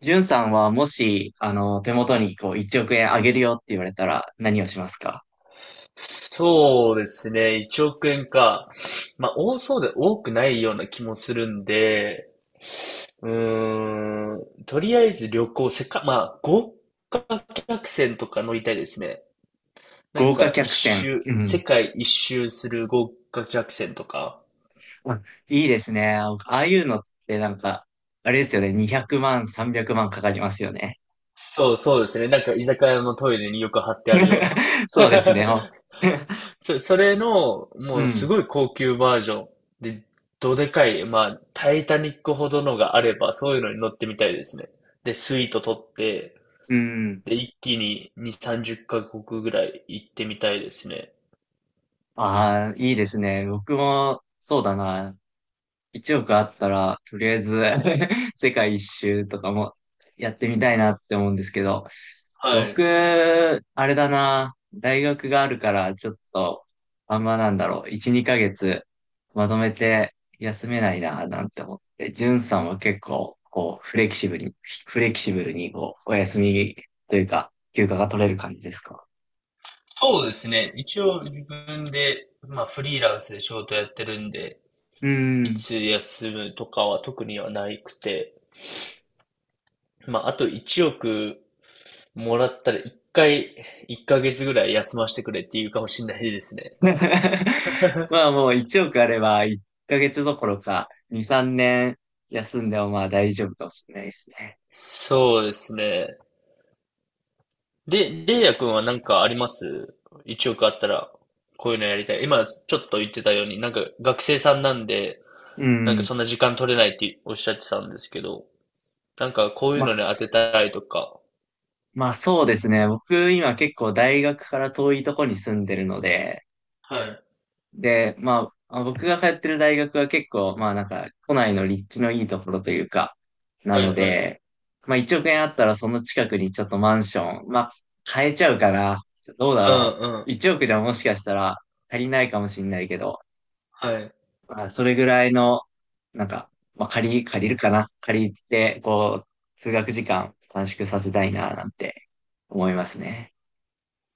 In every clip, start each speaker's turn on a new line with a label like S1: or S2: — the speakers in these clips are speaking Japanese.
S1: じゅんさんはもし、手元にこう1億円あげるよって言われたら何をしますか？
S2: そうですね。1億円か。まあ、多そうで多くないような気もするんで、とりあえず旅行、せっか、まあ、豪華客船とか乗りたいですね。なん
S1: 豪華
S2: か
S1: 客船。うん。
S2: 世界一周する豪華客船とか。
S1: あ、いいですね。ああいうのってなんか、あれですよね。200万、300万かかりますよね。
S2: そうそうですね。なんか居酒屋のトイレによく貼ってあるような。
S1: そうですね。
S2: それの、
S1: う
S2: もうす
S1: ん、
S2: ごい高級バージョンで、どでかい、まあ、タイタニックほどのがあれば、そういうのに乗ってみたいですね。で、スイート取って、
S1: うん。
S2: で、一気に2、30カ国ぐらい行ってみたいですね。
S1: ああ、いいですね。僕も、そうだな。1億あったら、とりあえず 世界一周とかもやってみたいなって思うんですけど、
S2: は
S1: 僕、
S2: い。
S1: あれだな。大学があるから、ちょっと、あんまなんだろう。1、2ヶ月、まとめて休めないな、なんて思って。ジュンさんは結構、こう、フレキシブルに、こう、お休みというか、休暇が取れる感じですか？
S2: そうですね。一応自分で、まあ、フリーランスで仕事やってるんで、
S1: う
S2: い
S1: ん。
S2: つ休むとかは特にはないくて、まあ、あと1億もらったら1回、1ヶ月ぐらい休ませてくれっていうかもしれないですね。
S1: まあもう1億あれば1ヶ月どころか2、3年休んでもまあ大丈夫かもしれないですね。
S2: そうですね。で、レイヤ君は何かあります？ 1 億あったら、こういうのやりたい。今、ちょっと言ってたように、なんか学生さんなんで、
S1: う
S2: なんか
S1: ん。
S2: そんな時間取れないっておっしゃってたんですけど、なんかこういう
S1: ま、
S2: のに当てたいとか。
S1: まあそうですね。僕今結構大学から遠いとこに住んでるので、
S2: はい、
S1: で、まあまあ僕が通ってる大学は結構まあなんか都内の立地のいいところというか、な
S2: は
S1: の
S2: い、はい。
S1: で、まあ1億円あったらその近くにちょっとマンション、まあ買えちゃうかな。どうだ
S2: うん
S1: ろ
S2: うん。
S1: う。1億じゃもしかしたら足りないかもしれないけど、
S2: はい。
S1: まあ、それぐらいの、なんか、まあ、借りるかな。借りて、こう、通学時間短縮させたいな、なんて思いますね。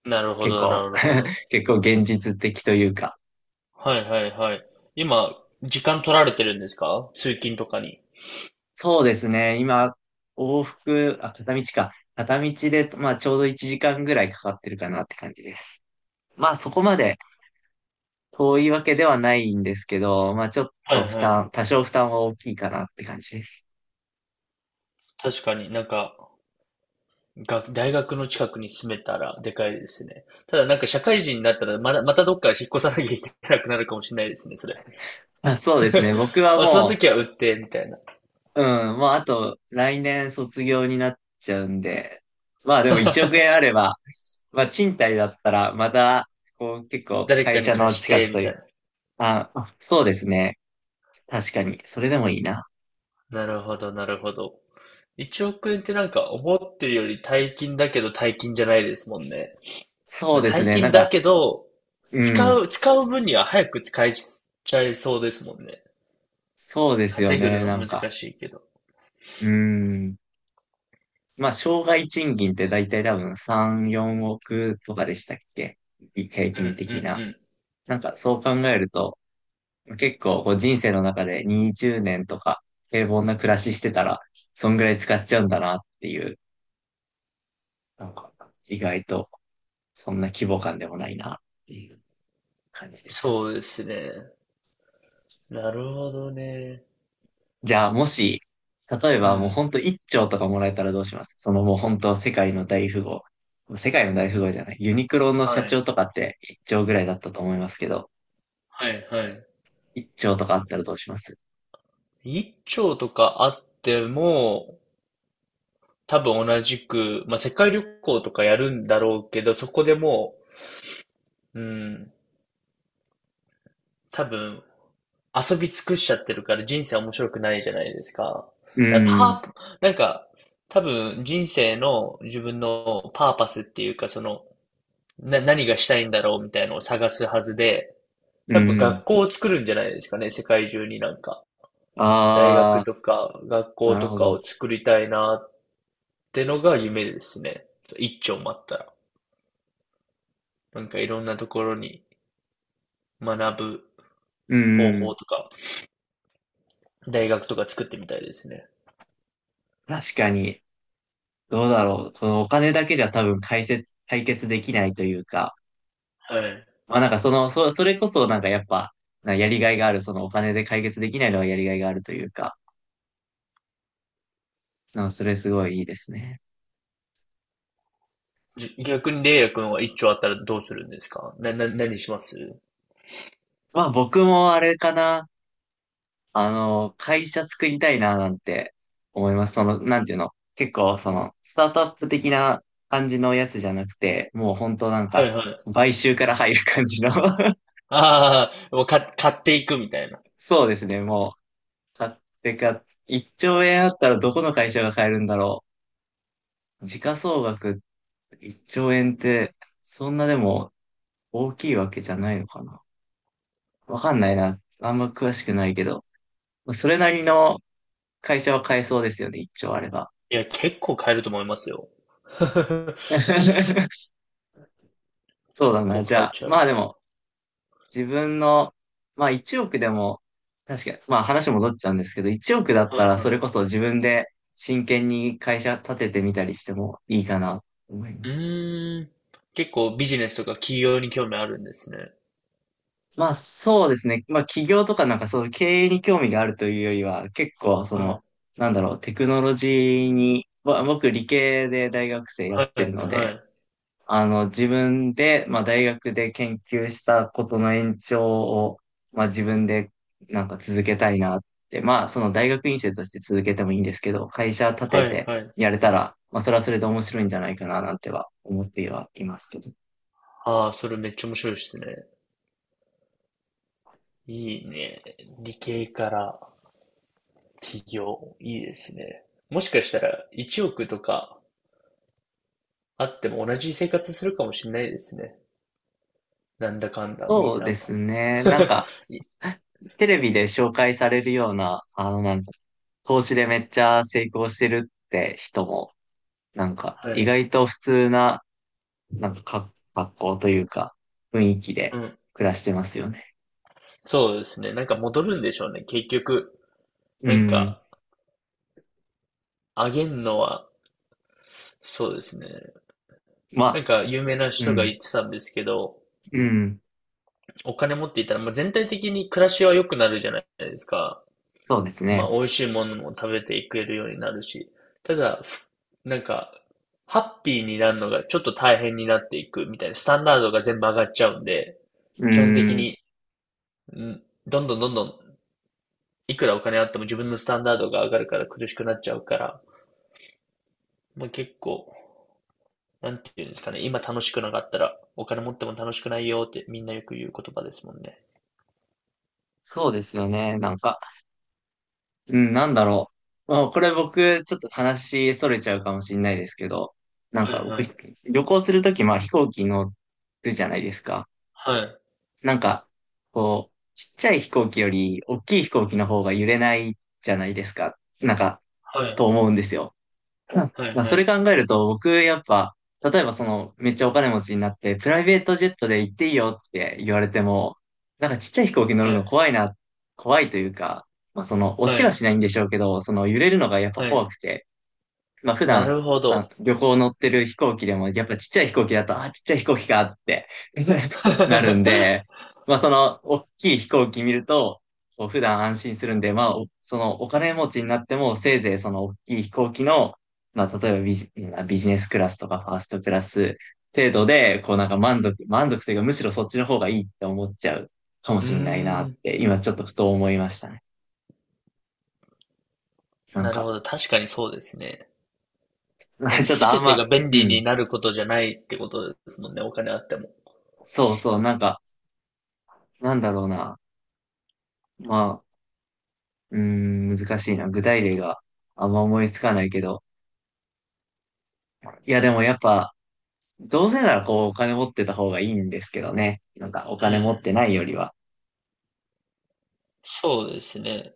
S2: なるほ
S1: 結
S2: ど、な
S1: 構、
S2: るほど。
S1: 結構現実的というか。
S2: はい、はい、はい。今、時間取られてるんですか？通勤とかに。
S1: そうですね。今、往復、あ、片道か。片道で、まあ、ちょうど1時間ぐらいかかってるかなって感じです。まあ、そこまで遠いわけではないんですけど、まあ、ちょっ
S2: は
S1: と
S2: い、
S1: 負
S2: は
S1: 担、
S2: い。
S1: 多少負担は大きいかなって感じです。
S2: 確かになんか、大学の近くに住めたらでかいですね。ただなんか社会人になったらまたどっか引っ越さなきゃいけなくなるかもしれないですね、それ。
S1: あ、そうですね。僕は
S2: まあ、その
S1: もう、
S2: 時は売って、みたいな。
S1: うん、まあ、あと、来年卒業になっちゃうんで、まあでも1億 円あれば、まあ賃貸だったら、また、こう結構
S2: 誰か
S1: 会
S2: に
S1: 社の
S2: 貸し
S1: 近
S2: て、
S1: く
S2: み
S1: と
S2: た
S1: いう、
S2: いな。
S1: あ、そうですね。確かに、それでもいいな。
S2: なるほど、なるほど。1億円ってなんか思ってるより大金だけど大金じゃないですもんね。
S1: そ
S2: ま
S1: う
S2: あ、
S1: です
S2: 大
S1: ね、な
S2: 金
S1: ん
S2: だ
S1: か、
S2: けど、
S1: うん、
S2: 使う分には早く使いちゃいそうですもんね。
S1: そうですよ
S2: 稼ぐ
S1: ね、
S2: の
S1: なんか、
S2: 難しいけど。
S1: うん。まあ、障害賃金って大体多分3、4億とかでしたっけ、平
S2: うんう
S1: 均的
S2: ん
S1: な？
S2: うん。
S1: なんかそう考えると、結構こう人生の中で20年とか平凡な暮らししてたら、そんぐらい使っちゃうんだなっていう、なんか意外とそんな規模感でもないなっていう感じですよ。
S2: そうですね。なるほどね。
S1: じゃあもし、例え
S2: う
S1: ばもう
S2: ん。
S1: ほんと1兆とかもらえたらどうします？その、もうほんと世界の大富豪。世界の大富豪じゃない。ユニクロの
S2: は
S1: 社
S2: い。
S1: 長とかって1兆ぐらいだったと思いますけど、
S2: はい、はい。
S1: 1兆とかあったらどうします？
S2: 一丁とかあっても、多分同じく、まあ、世界旅行とかやるんだろうけど、そこでもう、うん、多分遊び尽くしちゃってるから人生面白くないじゃないですか。
S1: うー
S2: だから
S1: ん、
S2: なんか、多分人生の自分のパーパスっていうか、その、何がしたいんだろうみたいのを探すはずで、
S1: うー
S2: 多分学
S1: ん。
S2: 校を作るんじゃないですかね、世界中になんか。大学
S1: あ
S2: とか学
S1: ー、
S2: 校
S1: なる
S2: と
S1: ほ
S2: かを
S1: ど。
S2: 作りたいなってのが夢ですね。一丁待ったら。なんかいろんなところに学ぶ
S1: うー
S2: 方法
S1: ん。
S2: とか、大学とか作ってみたいですね。
S1: 確かに、どうだろう。そのお金だけじゃ多分解決できないというか、
S2: はい。
S1: まあなんかその、それこそなんかやっぱ、なんかやりがいがある、そのお金で解決できないのはやりがいがあるというか、なんかそれすごいいいですね。
S2: 逆にレイヤ君は一丁あったらどうするんですか？何します？
S1: まあ僕もあれかな、会社作りたいななんて思います。その、なんていうの、結構その、スタートアップ的な感じのやつじゃなくて、もう本当なん
S2: はい
S1: か、
S2: はい。
S1: 買収から入る感じの
S2: ああ、もう買っていくみたいな。
S1: そうですね、もう。買ってか、1兆円あったらどこの会社が買えるんだろう。時価総額1兆円って、そんなでも大きいわけじゃないのかな。わかんないな。あんま詳しくないけど。それなりの会社は買えそうですよね、1兆あれば。
S2: いや、結構買えると思いますよ。
S1: そう
S2: 結
S1: だな。
S2: 構
S1: じ
S2: 買
S1: ゃ
S2: え
S1: あ、
S2: ちゃ
S1: ま
S2: う
S1: あ
S2: か
S1: で
S2: ら。
S1: も、自分の、まあ1億でも、確かに、まあ話戻っちゃうんですけど、1億だっ
S2: は
S1: た
S2: い
S1: ら
S2: は
S1: そ
S2: い。
S1: れこそ自分で真剣に会社立ててみたりしてもいいかなと思いま
S2: う
S1: す。
S2: ーん。結構ビジネスとか企業に興味あるんですね。
S1: まあそうですね。まあ企業とかなんかそういう経営に興味があるというよりは、結構そ
S2: は
S1: の、
S2: い。
S1: なんだろう、テクノロジーに、僕理系で大学生や
S2: は
S1: っ
S2: い
S1: てるの
S2: は
S1: で、
S2: い。
S1: 自分で、まあ大学で研究したことの延長を、まあ自分でなんか続けたいなって、まあその大学院生として続けてもいいんですけど、会社立
S2: は
S1: て
S2: い
S1: て
S2: はい。
S1: やれたら、まあそれはそれで面白いんじゃないかななんては思ってはいますけど。
S2: ああ、それめっちゃ面白いですね。いいね。理系から起業。いいですね。もしかしたら1億とかあっても同じ生活するかもしれないですね。なんだかんだ、み
S1: そ
S2: ん
S1: うで
S2: な。
S1: す ね。なんか、
S2: い
S1: テレビで紹介されるような、なんか、投資でめっちゃ成功してるって人も、なんか、
S2: は
S1: 意
S2: い。
S1: 外と普通な、なんか、格好というか、雰囲気
S2: う
S1: で
S2: ん。
S1: 暮らしてますよね。
S2: そうですね。なんか戻るんでしょうね。結局。
S1: う
S2: なん
S1: ん。
S2: か、あげんのは、そうですね。
S1: ま
S2: なん
S1: あ、
S2: か有名な
S1: う
S2: 人が言
S1: ん、
S2: ってたんですけど、
S1: うん。
S2: お金持っていたら、まあ、全体的に暮らしは良くなるじゃないですか。
S1: そうです
S2: まあ、
S1: ね。
S2: 美味しいものも食べていけるようになるし、ただ、なんか、ハッピーになるのがちょっと大変になっていくみたいな、スタンダードが全部上がっちゃうんで、
S1: う
S2: 基本的
S1: ん。
S2: に、んどんどんどんどん、いくらお金あっても自分のスタンダードが上がるから苦しくなっちゃうから、まあ、結構、なんていうんですかね、今楽しくなかったら、お金持っても楽しくないよってみんなよく言う言葉ですもんね。
S1: そうですよね。なんか、うん、なんだろう。まあ、これ僕、ちょっと話、逸れちゃうかもしれないですけど、なん
S2: は
S1: か
S2: いは
S1: 僕、
S2: い。
S1: 旅行するとき、まあ飛行機乗るじゃないですか。
S2: はい。
S1: なんか、こう、ちっちゃい飛行機より大きい飛行機の方が揺れないじゃないですか。なんか、
S2: は
S1: と思うんですよ。うん
S2: い。
S1: まあ、
S2: は
S1: それ
S2: い。
S1: 考えると、僕、やっぱ、例えばその、めっちゃお金持ちになって、プライベートジェットで行っていいよって言われても、なんかちっちゃい飛行機乗
S2: は
S1: るの
S2: い。
S1: 怖いな、怖いというか、まあその、
S2: はい。
S1: 落
S2: は
S1: ちは
S2: い。
S1: しないんでしょうけど、その揺れるのがやっぱ
S2: はい。
S1: 怖くて、まあ普
S2: な
S1: 段、
S2: るほ
S1: まあ、
S2: ど。
S1: 旅行乗ってる飛行機でも、やっぱちっちゃい飛行機だと、あ、ちっちゃい飛行機かって なるんで、まあその、大きい飛行機見ると、こう普段安心するんで、まあ、そのお金持ちになっても、せいぜいその大きい飛行機の、まあ例えばまあビジネスクラスとかファーストクラス程度で、こうなんか満足というか、むしろそっちの方がいいって思っちゃうかも
S2: うー
S1: しれないなっ
S2: ん。
S1: て、今ちょっとふと思いましたね。なん
S2: なるほ
S1: か、
S2: ど。確かにそうですね。なん か
S1: ちょっとあん
S2: 全て
S1: ま、
S2: が便
S1: う
S2: 利
S1: ん、
S2: になることじゃないってことですもんね。お金あっても。
S1: そうそう、なんか、なんだろうな。まあ、うーん、難しいな。具体例があんま思いつかないけど。いや、でもやっぱ、どうせならこう、お金持ってた方がいいんですけどね。なんか、お
S2: う
S1: 金持っ
S2: ん。
S1: てないよりは。
S2: そうですね。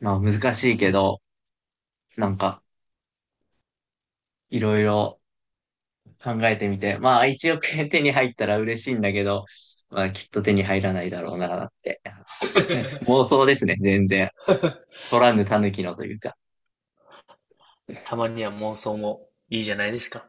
S1: まあ、難しいけど、なんか、いろいろ考えてみて。まあ、一億円手に入ったら嬉しいんだけど、まあ、きっと手に入らないだろうな、って。ね妄 想ですね、全然。取らぬ狸のというか。
S2: たまには妄想もいいじゃないですか。